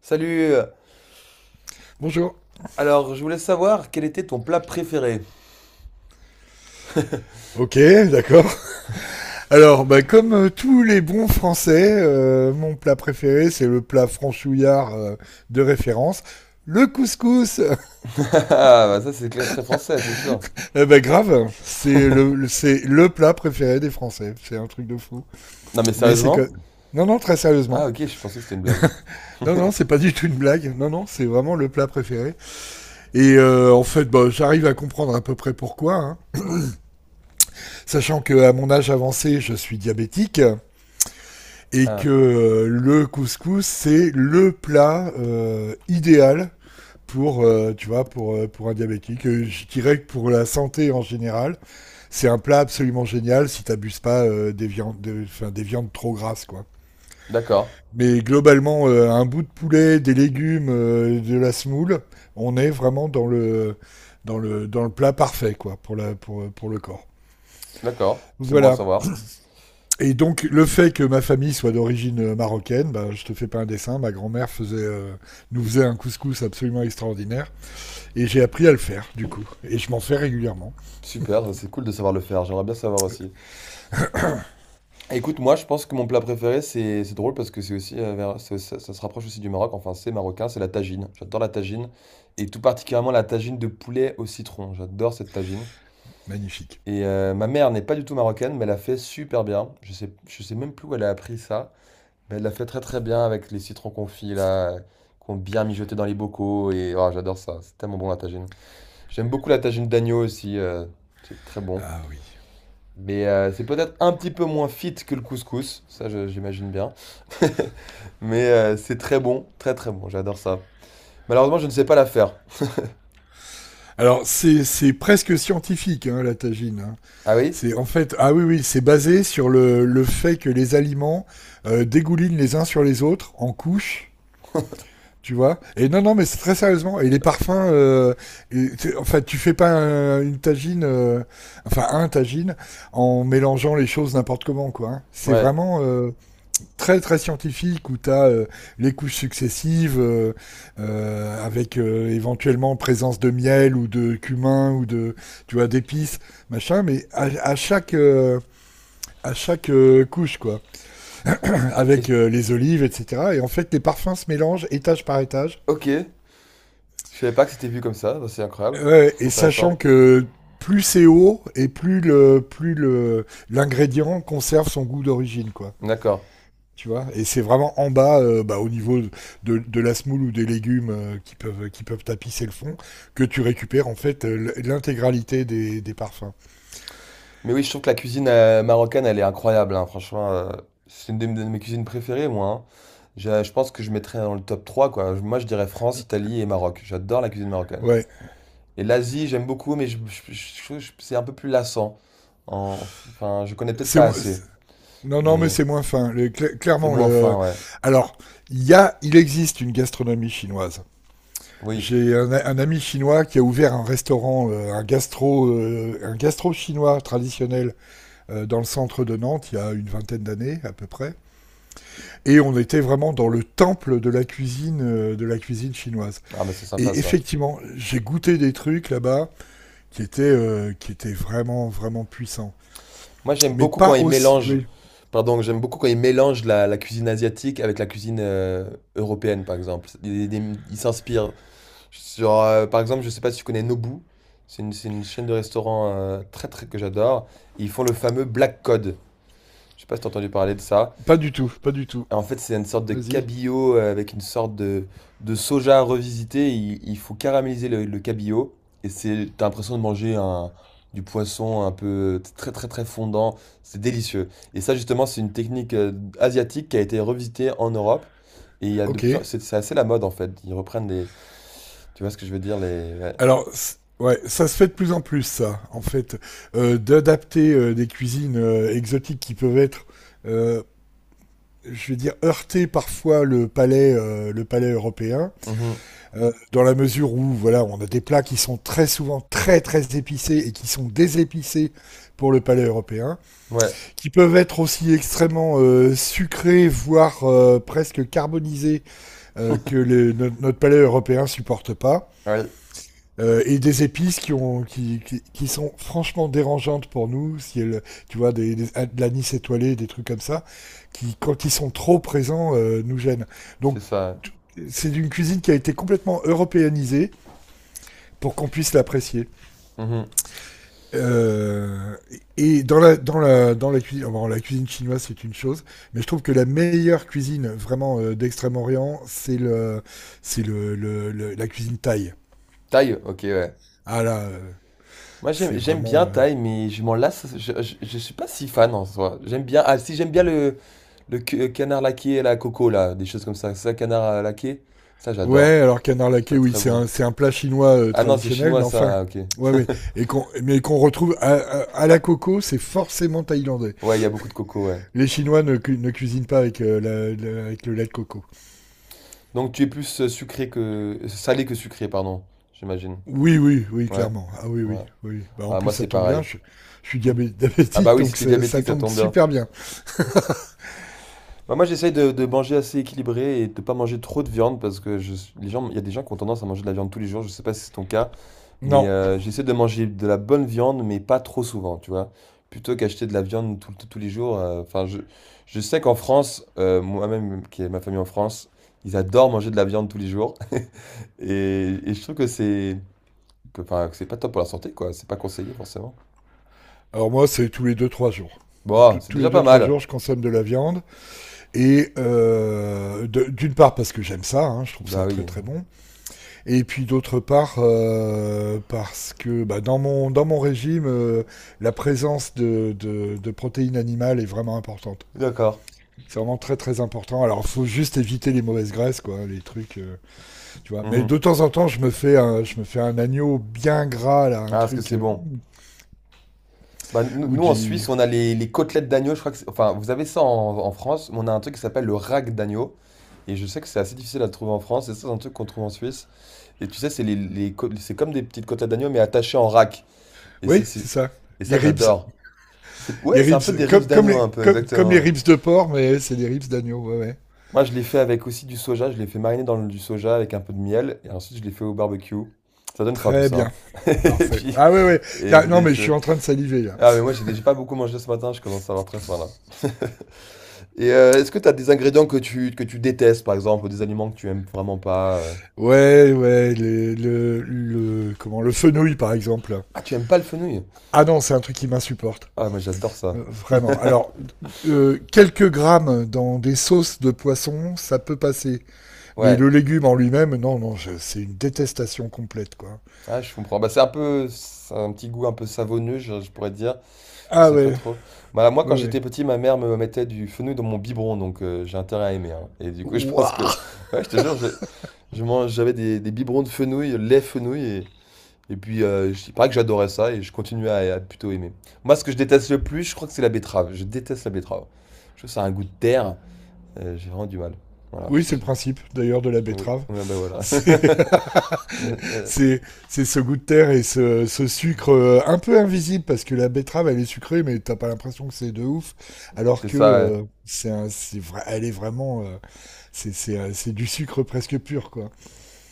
Salut! Bonjour. Alors, je voulais savoir quel était ton plat préféré? Ok, d'accord. Alors, bah, comme tous les bons Français, mon plat préféré, c'est le plat franchouillard de référence. Le couscous, Ah, bah ça c'est clair, très français, c'est sûr. eh ben grave, c'est c'est le plat préféré des Français. C'est un truc de fou. Non mais Mais c'est sérieusement? que... Non, non, très Ah, sérieusement. ok, je pensais que c'était une blague. Non, non, c'est pas du tout une blague. Non, non, c'est vraiment le plat préféré. Et en fait, bah, j'arrive à comprendre à peu près pourquoi, hein. Sachant que à mon âge avancé, je suis diabétique, et Ah, que le couscous c'est le plat idéal pour tu vois pour un diabétique. Je dirais que pour la santé en général c'est un plat absolument génial si t'abuses pas des enfin des viandes trop grasses quoi, d'accord, mais globalement un bout de poulet, des légumes, de la semoule, on est vraiment dans le dans le plat parfait quoi, pour la pour le corps, d'accord, c'est bon à voilà. savoir. Et donc, le fait que ma famille soit d'origine marocaine, bah, je te fais pas un dessin, ma grand-mère nous faisait un couscous absolument extraordinaire. Et j'ai appris à le faire, du coup. Et je m'en fais régulièrement. Super, ça, c'est cool de savoir le faire, j'aimerais bien savoir aussi. Écoute, moi je pense que mon plat préféré, c'est drôle parce que c'est aussi, ça se rapproche aussi du Maroc, enfin c'est marocain, c'est la tagine. J'adore la tagine, et tout particulièrement la tagine de poulet au citron, j'adore cette tagine. Magnifique. Et ma mère n'est pas du tout marocaine, mais elle a fait super bien. Je sais même plus où elle a appris ça. Mais elle l'a fait très très bien avec les citrons confits là, qu'on bien mijoté dans les bocaux et oh, j'adore ça, c'est tellement bon la tagine. J'aime beaucoup la tagine d'agneau aussi, c'est très bon. Ah oui. Mais c'est peut-être un petit peu moins fit que le couscous, ça j'imagine bien. Mais c'est très bon, très très bon, j'adore ça. Malheureusement, je ne sais pas la faire. Alors, c'est presque scientifique, hein, la tagine, hein. Ah oui? C'est en fait, ah oui, oui, c'est basé sur le fait que les aliments dégoulinent les uns sur les autres en couches. Tu vois. Et non, non, mais c'est très sérieusement. Et les parfums, et enfin, tu fais pas une tagine, enfin un tagine, en mélangeant les choses n'importe comment, quoi, hein. C'est Ouais. vraiment très, très scientifique où t'as as les couches successives avec éventuellement présence de miel ou de cumin tu vois, d'épices, machin, mais à chaque couche, quoi. Avec Et- les olives, etc. Et en fait, les parfums se mélangent étage par étage. ok, je savais pas que c'était vu comme ça, bah, c'est incroyable, Ouais, et sachant intéressant. que plus c'est haut et plus le l'ingrédient conserve son goût d'origine, quoi. D'accord. Tu vois, et c'est vraiment en bas, bah, au niveau de la semoule ou des légumes qui peuvent tapisser le fond, que tu récupères en fait l'intégralité des parfums. Mais oui, je trouve que la cuisine marocaine, elle est incroyable, hein, franchement. C'est une de mes cuisines préférées, moi. Hein. Je pense que je mettrais dans le top 3. Quoi. Je- Moi, je dirais France, Italie et Maroc. J'adore la cuisine marocaine. Ouais, Et l'Asie, j'aime beaucoup, mais je trouve que c'est un peu plus lassant. En- Enfin, je connais peut-être c'est pas mo- assez, c'est- non non mais mais c'est moins fin. C'est moins fin, ouais. Alors il y a il existe une gastronomie chinoise. Oui. J'ai un ami chinois qui a ouvert un restaurant, un gastro chinois traditionnel dans le centre de Nantes il y a une vingtaine d'années à peu près, et on était vraiment dans le temple de la cuisine chinoise. Ah, bah c'est sympa, Et ça. effectivement, j'ai goûté des trucs là-bas qui étaient vraiment, vraiment puissants, Moi, j'aime mais beaucoup quand pas ils aussi, mélangent... oui, Pardon, j'aime beaucoup quand ils mélangent la cuisine asiatique avec la cuisine européenne, par exemple. Ils s'inspirent. Sur, par exemple, je sais pas si tu connais Nobu. C'est une chaîne de restaurants très très que j'adore. Et ils font le fameux Black Cod. Je sais pas si t'as entendu parler de ça. pas du tout, pas du tout. Et en fait, c'est une sorte de Vas-y, cabillaud avec une sorte de soja revisité. Il faut caraméliser le cabillaud. Et c'est, t'as l'impression de manger un, du poisson un peu très très très fondant. C'est délicieux. Et ça, justement, c'est une technique asiatique qui a été revisitée en Europe. Et il y a de ok. plus en... c'est assez la mode en fait. Ils reprennent des, tu vois ce que je veux dire, les, Alors, ouais, ça se fait de plus en plus, ça, en fait. D'adapter des cuisines exotiques qui peuvent être, euh, je vais dire, heurter parfois le palais européen, mhm. Dans la mesure où, voilà, on a des plats qui sont très souvent très très épicés et qui sont désépicés pour le palais européen, Ouais, qui peuvent être aussi extrêmement sucrés, voire presque carbonisés, que notre palais européen supporte pas. ouais, Et des épices qui, ont, qui sont franchement dérangeantes pour nous, si elles, tu vois, de l'anis étoilé, des trucs comme ça, qui, quand ils sont trop présents, nous gênent. c'est Donc, ça. c'est une cuisine qui a été complètement européanisée pour qu'on puisse l'apprécier. Mhm. Euh, et dans dans la cuisine, bon, la cuisine chinoise, c'est une chose, mais je trouve que la meilleure cuisine vraiment d'Extrême-Orient, c'est la cuisine thaï. Thaï, ok, ouais. Ah là, Moi, j'aime, c'est j'aime bien vraiment. Thaï, mais je m'en lasse. Je suis pas si fan en soi. J'aime bien. Ah, si, j'aime bien le, canard laqué et la coco, là. Des choses comme ça. C'est ça, canard laqué? Ça, j'adore. Ouais, alors canard Je trouve ça laqué, oui, très c'est bon. C'est un plat chinois Ah non, c'est traditionnel, mais chinois, ça. enfin, Ah, ok. ouais, ouais, qu'on retrouve à la coco, c'est forcément thaïlandais. Ouais, il y a beaucoup de coco, ouais. Les Chinois ne ne cuisinent pas avec, avec le lait de coco. Donc, tu es plus sucré que. Salé que sucré, pardon. J'imagine. Oui, oui, oui, Ouais. clairement. Ah oui, oui, Ouais. oui. Bah, en Ah, plus, moi, ça c'est tombe bien, pareil. je, Ah, bah diabétique, oui, si donc t'es ça diabétique, ça tombe tombe bien. super bien. Bah, moi, j'essaye de manger assez équilibré et de pas manger trop de viande parce que je, les gens, il y a des gens qui ont tendance à manger de la viande tous les jours. Je sais pas si c'est ton cas, mais Non, j'essaie de manger de la bonne viande, mais pas trop souvent, tu vois. Plutôt qu'acheter de la viande tous les jours. Enfin, je sais qu'en France, moi-même, qui est ma famille en France, ils adorent manger de la viande tous les jours. Et je trouve que c'est que, enfin, que c'est pas top pour la santé, quoi. C'est pas conseillé, forcément. alors moi, c'est tous les deux, trois jours. Bon, c'est Tous les déjà pas deux, trois mal. jours, je consomme de la viande. Et d'une part, parce que j'aime ça, hein, je trouve ça Bah très, oui, très bon. Et puis d'autre part, parce que bah, dans mon régime, la présence de protéines animales est vraiment importante. d'accord. C'est vraiment très très important. Alors il faut juste éviter les mauvaises graisses, quoi, les trucs, tu vois. Mais Mhm. de temps en temps, je me fais un, je me fais un agneau bien gras, là, un Ah, est-ce que truc, c'est bon? Bah, nous, ou nous, en Suisse, du... on a les côtelettes d'agneau. Je crois que c'est- enfin, vous avez ça en France, mais on a un truc qui s'appelle le rack d'agneau. Et je sais que c'est assez difficile à trouver en France. Et ça, c'est un truc qu'on trouve en Suisse. Et tu sais, c'est c'est comme des petites côtelettes d'agneau, mais attachées en rack. Et, Oui, c'est- c'est ça. et ça, Les ribs. j'adore. C'est, ouais, Les c'est un peu ribs, des rives comme, comme, d'agneau, un peu, comme, comme les exactement. Ouais. ribs de porc, mais c'est des ribs d'agneau, ouais, ouais. Moi, je l'ai fait avec aussi du soja. Je l'ai fait mariner dans du soja avec un peu de miel. Et ensuite, je l'ai fait au barbecue. Ça donne faim, tout Très ça. Hein. bien. Et Parfait. puis, Ah ouais, ouais. et c'est Non, mais je suis délicieux. en train de saliver, là. Ah, mais moi, j'ai déjà pas beaucoup mangé ce matin. Je commence à avoir très faim, là. Et est-ce que tu as des ingrédients que tu détestes, par exemple, ou des aliments que tu aimes vraiment pas euh. Ouais, ouais, le fenouil par exemple. Ah, tu aimes pas le fenouil? Ah non, c'est un truc qui m'insupporte. Ah, moi j'adore ça. Vraiment. Alors, quelques grammes dans des sauces de poisson, ça peut passer. Mais Ouais. le légume en lui-même, non, non, c'est une détestation complète, quoi. Ah, je comprends. Bah, c'est un peu, c'est un petit goût un peu savonneux, je pourrais dire. Je Ah sais pas ouais, trop. Bah, moi, quand ouais, ouais. j'étais petit, ma mère me mettait du fenouil dans mon biberon, donc j'ai intérêt à aimer. Hein. Et du coup, je pense que, Ouah. ouais, je te jure, je mange, j'avais des biberons de fenouil, lait fenouil, et puis, il paraît que j'adorais ça et je continue à, plutôt aimer. Moi, ce que je déteste le plus, je crois que c'est la betterave. Je déteste la betterave. Je trouve que ça a un goût de terre. J'ai vraiment du mal. Voilà, Oui, c'est c'est le ça. principe, d'ailleurs, de la Oui, betterave. ouais, bah voilà. C'est c'est c'est ce goût de terre et ce sucre un peu invisible parce que la betterave elle est sucrée mais t'as pas l'impression que c'est de ouf, alors C'est que ça. Ouais. C'est vrai elle est vraiment c'est du sucre presque pur, quoi.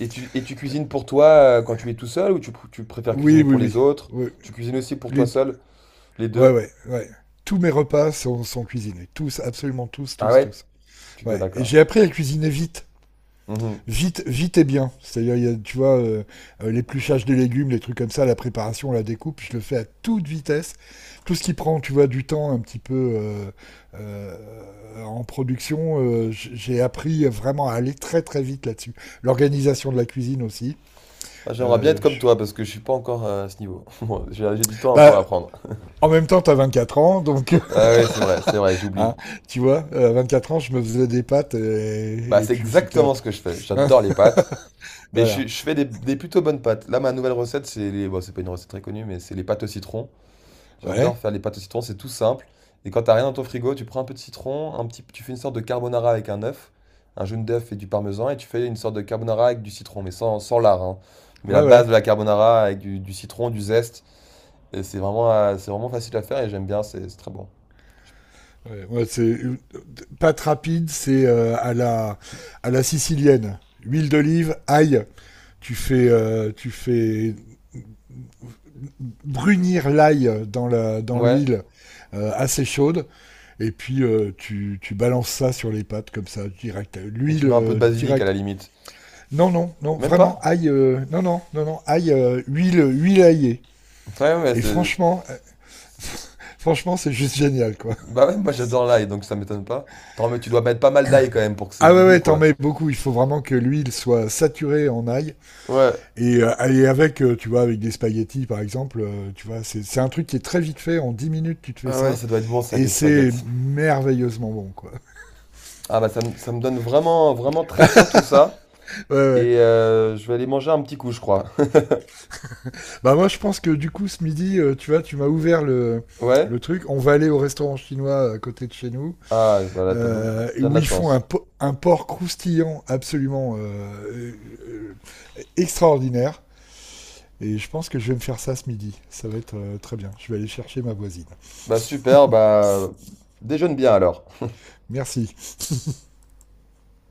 Et tu cuisines pour toi quand tu es tout seul ou tu préfères Oui cuisiner oui pour oui. les autres? Oui. Tu cuisines aussi pour toi Les- seul, les ouais deux? ouais ouais. Tous mes repas sont, sont cuisinés, tous absolument tous Ah tous ouais? tous. Tu vois, Ouais et d'accord. j'ai appris à cuisiner vite. Mhm. Vite, vite et bien. C'est-à-dire, il y a, tu vois, l'épluchage des légumes, les trucs comme ça, la préparation, la découpe, je le fais à toute vitesse. Tout ce qui prend, tu vois, du temps un petit peu en production, j'ai appris vraiment à aller très très vite là-dessus. L'organisation de la cuisine aussi. Ah, j'aimerais bien Euh, être comme je- toi parce que je suis pas encore à ce niveau. Bon, j'ai du temps hein, pour Bah, apprendre. en même temps, t'as 24 ans, donc, Ah ouais, c'est vrai, j'oublie. hein, tu vois, à 24 ans, je me faisais des pâtes Bah, et c'est puis c'était un exactement peu... ce que je fais. hein, J'adore les pâtes, mais voilà. je fais des plutôt bonnes pâtes. Là, ma nouvelle recette, c'est les... Bon, c'est pas une recette très connue, mais c'est les pâtes au citron. Ouais, J'adore faire les pâtes au citron, c'est tout simple. Et quand t'as rien dans ton frigo, tu prends un peu de citron, un petit... tu fais une sorte de carbonara avec un œuf, un jaune d'œuf et du parmesan, et tu fais une sorte de carbonara avec du citron, mais sans, sans lard, hein. Mais ouais, la ouais. base de la carbonara avec du citron, du zeste, et c'est vraiment facile à faire et j'aime bien, c'est très bon. Ouais, ouais, pâte rapide, c'est à la sicilienne. Huile d'olive, ail. Tu fais brunir l'ail dans la dans Ouais, l'huile assez chaude, et puis tu balances ça sur les pâtes comme ça direct. et L'huile tu mets un peu de basilic à la direct. limite. Non non non Même vraiment pas. ail. Non non non non ail, huile, huile aillée. Ouais, ouais, Et c'est. franchement franchement c'est juste génial, quoi. Bah ouais, moi j'adore l'ail, donc ça m'étonne pas. Attends mais tu dois mettre pas mal d'ail quand même pour que c'est Ah du ouais, goût, ouais, t'en quoi. mets beaucoup. Il faut vraiment que l'huile soit saturée en ail. Ouais. Et avec, tu vois, avec des spaghettis, par exemple, tu vois, c'est un truc qui est très vite fait. En 10 minutes, tu te fais Ah ouais, ça. ça doit être bon ça avec Et les c'est spaghettis. merveilleusement bon, quoi. Ah bah ça, ça me donne vraiment, vraiment très faim tout ça. Ouais, ouais. Et je vais aller manger un petit coup, je crois. Bah moi, je pense que du coup, ce midi, tu vois, tu m'as ouvert Ouais? le truc. On va aller au restaurant chinois à côté de chez nous, Ah, bah là, bien de où la ils font chance. Un porc croustillant absolument euh, extraordinaire. Et je pense que je vais me faire ça ce midi. Ça va être très bien. Je vais aller chercher ma voisine. Bah super, bah déjeune bien alors. Merci.